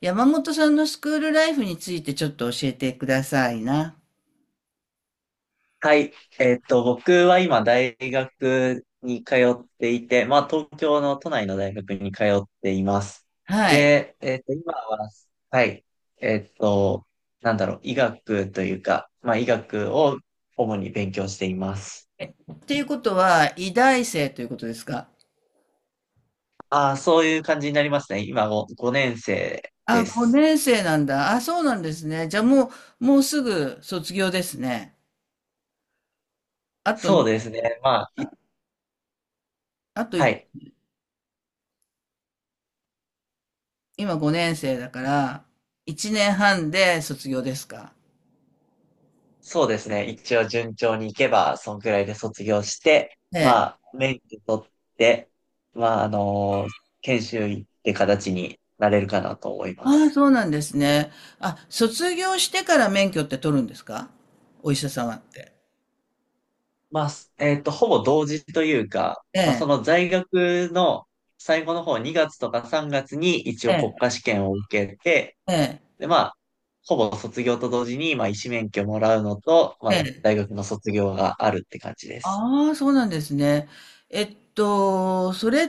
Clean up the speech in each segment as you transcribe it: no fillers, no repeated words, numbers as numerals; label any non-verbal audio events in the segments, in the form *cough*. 山本さんのスクールライフについてちょっと教えてくださいな。はい。僕は今大学に通っていて、まあ東京の都内の大学に通っています。はい。で、今は、はい。えっと、医学というか、まあ医学を主に勉強しています。っていうことは、医大生ということですか？ああ、そういう感じになりますね。今5年生あ、です。5年生なんだ。あ、そうなんですね。じゃあもうすぐ卒業ですね。あとそに、うですね。まあ、い、あとはい、い。今5年生だから、1年半で卒業ですか。そうですね。一応順調にいけば、そんくらいで卒業して、えまえ。あ、免許取って、まあ、研修医って形になれるかなと思いまああ、す。そうなんですね。あ、卒業してから免許って取るんですか、お医者様って。まあ、す、ほぼ同時というか、えまあ、そえ、の在学の最後の方、2月とか3月に一え応国え、家試験を受けて、ええ、で、まあ、ほぼ卒業と同時に、まあ、医師免許もらうのと、まえあ、え。大学の卒業があるって感じです。ああ、そうなんですね。それっ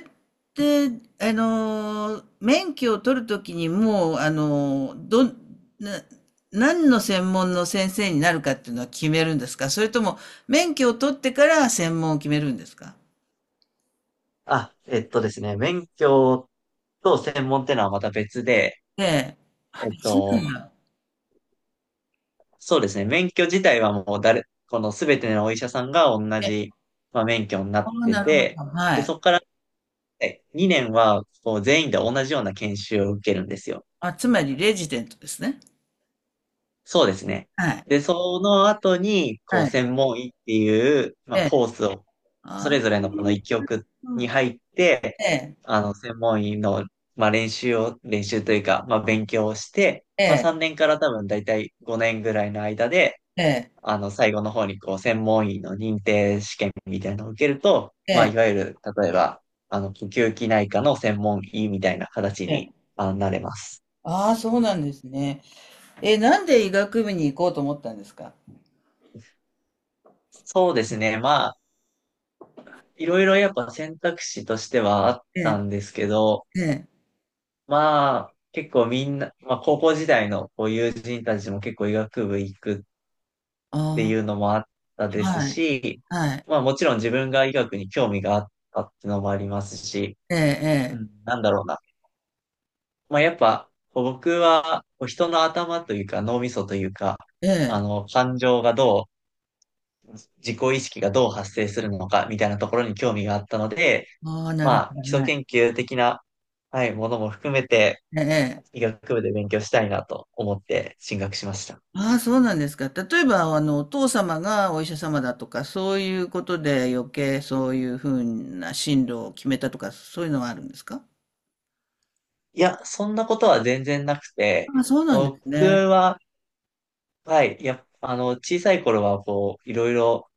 て、免許を取るときにもう、あの、どん、な、何の専門の先生になるかっていうのは決めるんですか、それとも、免許を取ってから専門を決めるんですか？あ、えっとですね、免許と専門ってのはまた別で、ええ。あ、えっ別なと、んだ。そうですね、免許自体はもう誰、このすべてのお医者さんが同え、じ、まあ、免許になあっあ、てなるほど。て、はで、そい。こから、ね、2年はこう全員で同じような研修を受けるんですよ。あ、つまり、レジデントですね。そうですね。はい。で、その後に、こはう、い。専門医っていう、まえあ、え。コースを、そあれあ、ぞれのこの一局うにん、入って、ええ。専門医の、まあ、練習を、練習というか、まあ、勉強をして、えまあ、え。3年から多分大体5年ぐらいの間で、ええ。最後の方に、こう、専門医の認定試験みたいなのを受けると、えまあ、え。いわゆる、例えば、呼吸器内科の専門医みたいな形えに、え。なれます。ああ、そうなんですね。え、なんで医学部に行こうと思ったんですか？そうですね。まあ、いろいろやっぱ選択肢としてはあっえたえ、んですけど、ええ。まあ、結構みんな、まあ高校時代のこう友人たちも結構医学部行くっていあうのもあったあ、ですはい。し、はい。まあもちろん自分が医学に興味があったっていうのもありますし、うええん、なんだろうな。まあやっぱ、こう僕はこう人の頭というか脳みそというか、ええ。ええ。感情がどう、自己意識がどう発生するのかみたいなところに興味があったので、ああ、なまるほあ、基ど、礎はい。研究的な、はい、ものも含めて、ええええ。医学部で勉強したいなと思って進学しました。ああ、そうなんですか。例えば、お父様がお医者様だとか、そういうことで余計そういう風な進路を決めたとか、そういうのはあるんですか？いや、そんなことは全然なくて、ああ、そうなんです僕ね。は、はい、やっぱ、小さい頃は、こう、いろいろ、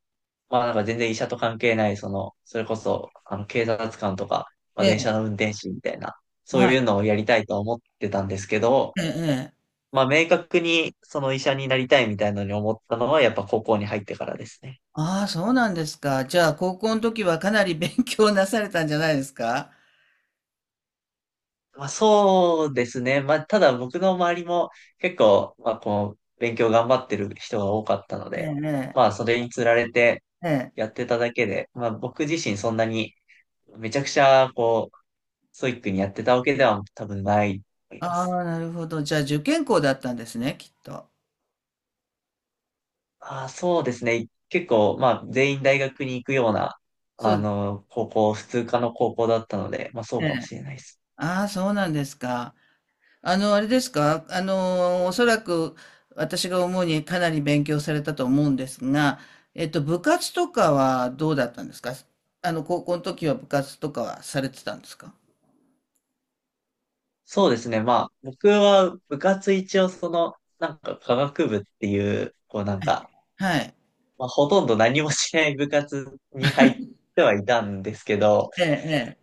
まあなんか全然医者と関係ない、その、それこそ、警察官とか、まあえ電え、車の運転士みたいな、そうはい。いうのをやりたいと思ってたんですけど、ええええ。まあ明確にその医者になりたいみたいなのに思ったのは、やっぱ高校に入ってからですね。ああ、そうなんですか。じゃあ、高校の時はかなり勉強なされたんじゃないですか？まあ、そうですね。まあ、ただ僕の周りも結構、まあ、こう、勉強頑張ってる人が多かったので、ええまあ、それにつられてええ。えやえ。ってただけで、まあ、僕自身そんなにめちゃくちゃ、こう、ストイックにやってたわけでは多分ないと思いまあす。あ、なるほど。じゃあ、受験校だったんですね、きっと。ああ、そうですね。結構、まあ、全員大学に行くような、そうです高校、普通科の高校だったので、まあ、そうかもね。しれないです。ああ、そうなんですか。あの、あれですか。あの、おそらく私が思うにかなり勉強されたと思うんですが、部活とかはどうだったんですか？高校の時は部活とかはされてたんですか？そうですね。まあ、僕は部活一応その、なんか科学部っていう、こうなんはい。か、はい。まあ、ほとんど何もしない部活に入ってはいたんですけど、ええ、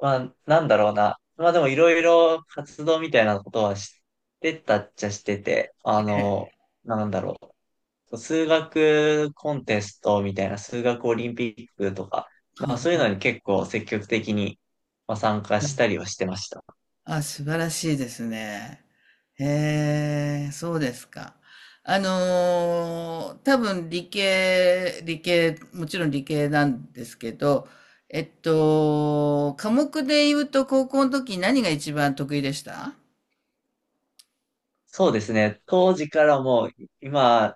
まあ、なんだろうな。まあでもいろいろ活動みたいなことはしてたっちゃしてて、ええ。ええ。なんだろう。そう数学コンテストみたいな数学オリンピックとか、まあ、そういうはのに結構積極的に、まあ、参加したりはしてました。あ、素晴らしいですね。へえ、そうですか。多分理系、理系、もちろん理系なんですけど、科目で言うと高校の時何が一番得意でした？そうですね。当時からもう今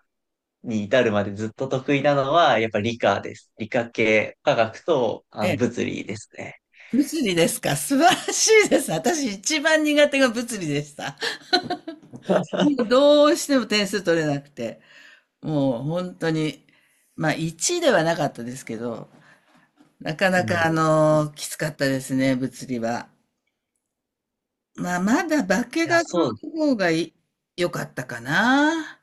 に至るまでずっと得意なのは、やっぱ理科です。理科系、科学とええ、物理ですね。物理ですか。*laughs* 素晴らしいです。私一番苦手が物理でした。*laughs* もう *laughs* どうしても点数取れなくて、もう本当に、まあ1ではなかったですけど、なかうなか、ん、きつかったですね、物理は。まあ、まだ化いや、学そう、の方がい良かったかな。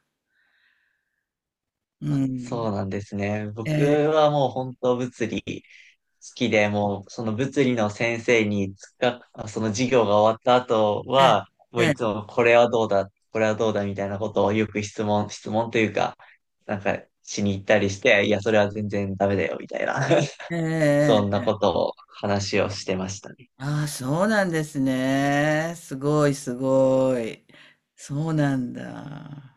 うん。そうなんですね。え僕え、はもう本当物理好きで、もうその物理の先生につか、あ、その授業が終わった後えは、もういえ、つもこれはどうだ、これはどうだみたいなことをよく質問、質問というか、なんかしに行ったりして、いや、それは全然ダメだよ、みたいな。*laughs* ええ、えそえんえええなえええええ。ことを話をしてましたね。ああ、そうなんですね。すごい、すごい。そうなんだ。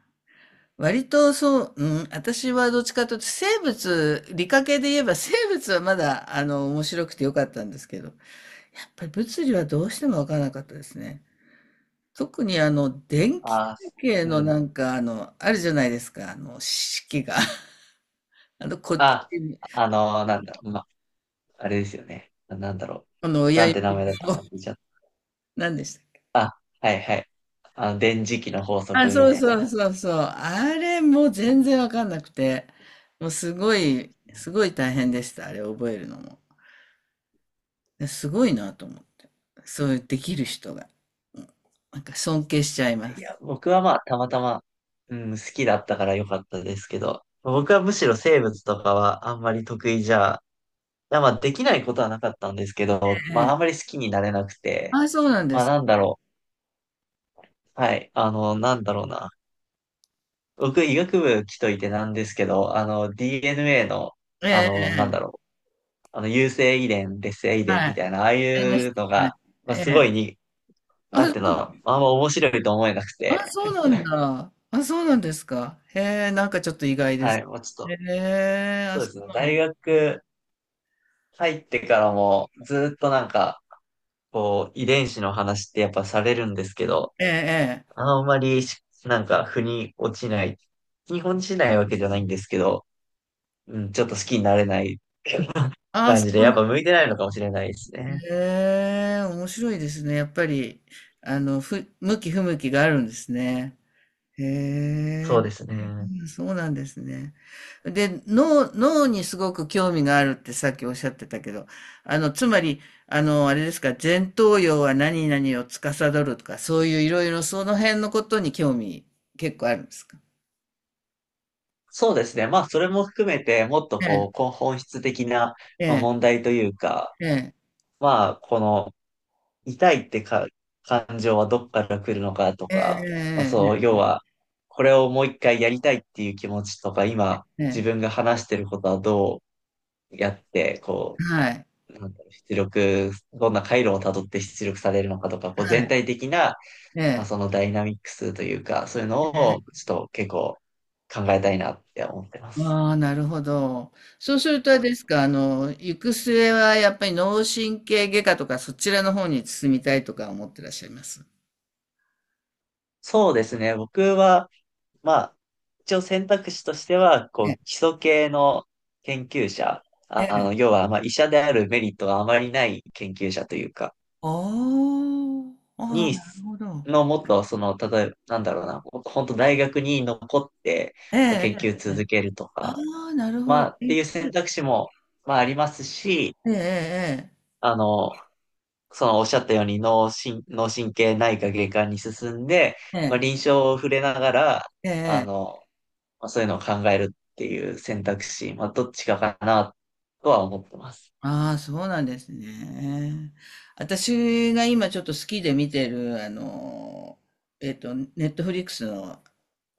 割とそう、うん、私はどっちかというと生物、理科系で言えば生物はまだ、面白くて良かったんですけど、やっぱり物理はどうしても分からなかったですね。特に電気関ああ、係うのん。なんかあるじゃないですか、式が。*laughs* あの、こっちあ、に、ま、あれですよね。な、あの、親なん指て名前だったを、か忘れちゃった。何でしたっけ。あ、はいはい。電磁気の法あ、則みそうたいそうな。そうそう。あれもう全然わかんなくて、もうすごい、すごい大変でした、あれ覚えるのも。ですごいなと思って。そういうできる人が。うん、なんか尊敬しちゃいまいや、す。僕はまあ、たまたま、うん、好きだったから良かったですけど、僕はむしろ生物とかはあんまり得意じゃ、いやまあ、できないことはなかったんですけど、えまあ、あんまえ。り好きになれなくて、あ、そうなんでまあ、す。なんだろう。はい、なんだろうな。僕、医学部来といてなんですけど、DNA の、ええ、なんえだろえ、う。有性遺伝、劣性遺伝はみたい。いな、ああいええ、うのはい。が、まえあ、すごえ。いに、なんていうの、あ、あんま面白いと思えなくあ、て、そうなんだ。あ、そうなんですか。へえ、なんかちょっと意外ではす。い、もうちょっへと、え、あ、そうそですうね、なんだ。大学入ってからもずっとなんか、こう、遺伝子の話ってやっぱされるんですけど、ええ、ええ。あんまりし、なんか、腑に落ちない、日本しないわけじゃないんですけど、うん、ちょっと好きになれないあ、感そじで、うなやっんぱ向だ。いてないのかもしれないですね。へえ、面白いですね。やっぱり、向き不向きがあるんですね。へそうえ、ですね。そうなんですね。で、脳にすごく興味があるってさっきおっしゃってたけど、あの、つまり、あの、あれですか、前頭葉は何々を司るとか、そういういろいろその辺のことに興味結構あるんですか？そうですね。まあ、それも含めて、もっとえこう、え、こう本質的な、えまあえ、問題というか、ええ、まあ、この痛いってか、感情はどっから来るのかとか、まあえそう、え要は、これをもう一回やりたいっていう気持ちとか、今、ええええ自え分え、が話してることはどうやって、こはい、う、出力、どんな回路をたどって出力されるのかとか、こうは全い、体的な、えまあえ。そのダイナミックスというか、そういうのを、ちょっと結構考えたいなって思ってます。ああ、なるほど。そうするとあれですか、行く末はやっぱり脳神経外科とかそちらの方に進みたいとか思ってらっしゃいます？そうですね、僕は、まあ、一応選択肢としては、えこえ、う、基礎系の研究者、ええ。要は、まあ、医者であるメリットがあまりない研究者というか、おー、ああ、に、なるほど。のもっと、その、例えば、なんだろうな、もっと本当大学に残って、えまあえ、研究ええ。続けるとあか、あ、なるほまど。あ、って勉いう強。選択肢も、まあ、ありますし、ええ、あの、その、おっしゃったように脳神、脳神経内科外科に進んで、ええ、まあ、え臨床を触れながら、え、えあえ。の、まあ、そういうのを考えるっていう選択肢、まあ、どっちかかなとは思ってます。ああ、そうなんですね。私が今ちょっと好きで見てる、ネットフリックスの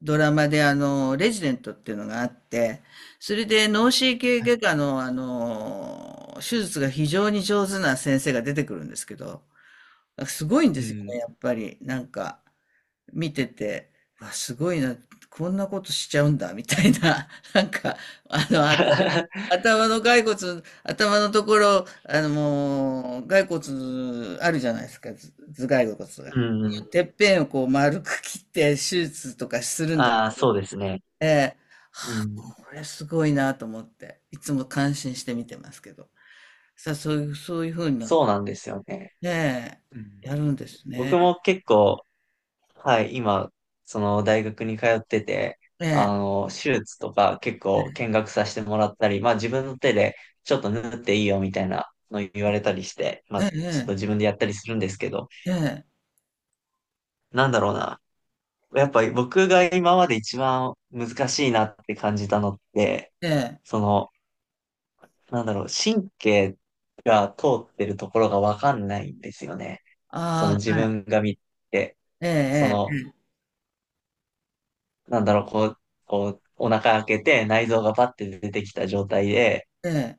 ドラマで、レジデントっていうのがあって、それで脳神経外科の、手術が非常に上手な先生が出てくるんですけど、すごいんうですよん。ね、やっぱり。なんか、見てて、わ、すごいな、こんなことしちゃうんだ、みたいな、*laughs* なんか、あの、頭 *laughs* 頭の骸骨、頭のところ、あのもう、骸骨あるじゃないですか、ず頭蓋骨が。うん。てっぺんをこう丸く切って手術とかするんですああ、そうよ。ですね。ええ、うん。これすごいなと思って、いつも感心して見てますけど。さあ、そういうふうな、そうなんですよね。ねうん。え、やるんですね。僕も結構、はい、今、その大学に通ってて、ええ、手術とか結構え見学させてもらったり、まあ自分の手でちょっと縫っていいよみたいなの言われたりして、まあえ、ちょっとええ、自分でやったりするんですけど、ええ、ねなんだろうな。やっぱり僕が今まで一番難しいなって感じたのって、え、ねえ、その、神経が通ってるところがわかんないんですよね。そのああ、自はい、分が見て、そええ、の、こう、こう、お腹開けて内臓がパッて出てきた状態で、ええ、え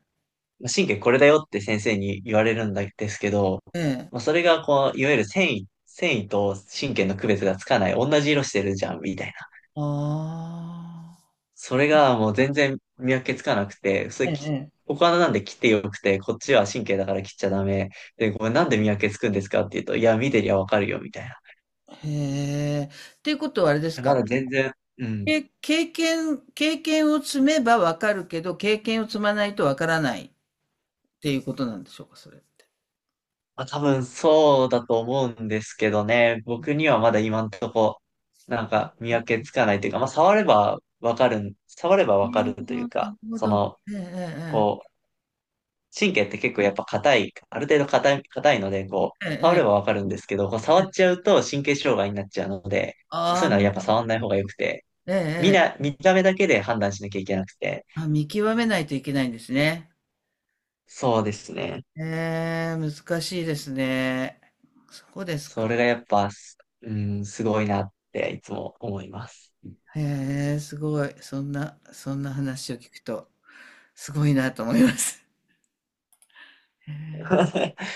まあ神経これだよって先生に言われるんですけど、え、えまあ、え、それがこう、いわゆる繊維、繊維と神経の区別がつかない、同じ色してるじゃん、みたいな。ああ、それがもう全然見分けつかなくて、それえき、え、ええ。お花なんで切ってよくて、こっちは神経だから切っちゃダメ。で、これなんで見分けつくんですかって言うと、いや、見てりゃわかるよ、みたいな。いへえ。っていうことはあれですや、まか、だ全然、うん。経験を積めばわかるけど、経験を積まないとわからないっていうことなんでしょうか、それって。まあ、多分そうだと思うんですけどね、僕にはまだ今んとこ、なんか見分けつかないというか、まあ、触ればわかるん、触ればあわかるというあ、なか、るほそど。の、ええこう、神経って結構やっぱ硬い、ある程度硬い、硬いので、こう、えええ触れえ。ばええわかるんですけど、こう触えっえ。ちゃうと神経障害になっちゃうので、そういあうのはやっぱあ、触んない方が良くて、ええみええ。な、見た目だけで判断しなきゃいけなくて、あ、見極めないといけないんですね。そうですね。へえ、難しいですね。そうですそか。れがやっぱ、すうん、すごいなっていつも思います。へえ、すごい。そんな話を聞くと、すごいなと思います。へえ。*laughs*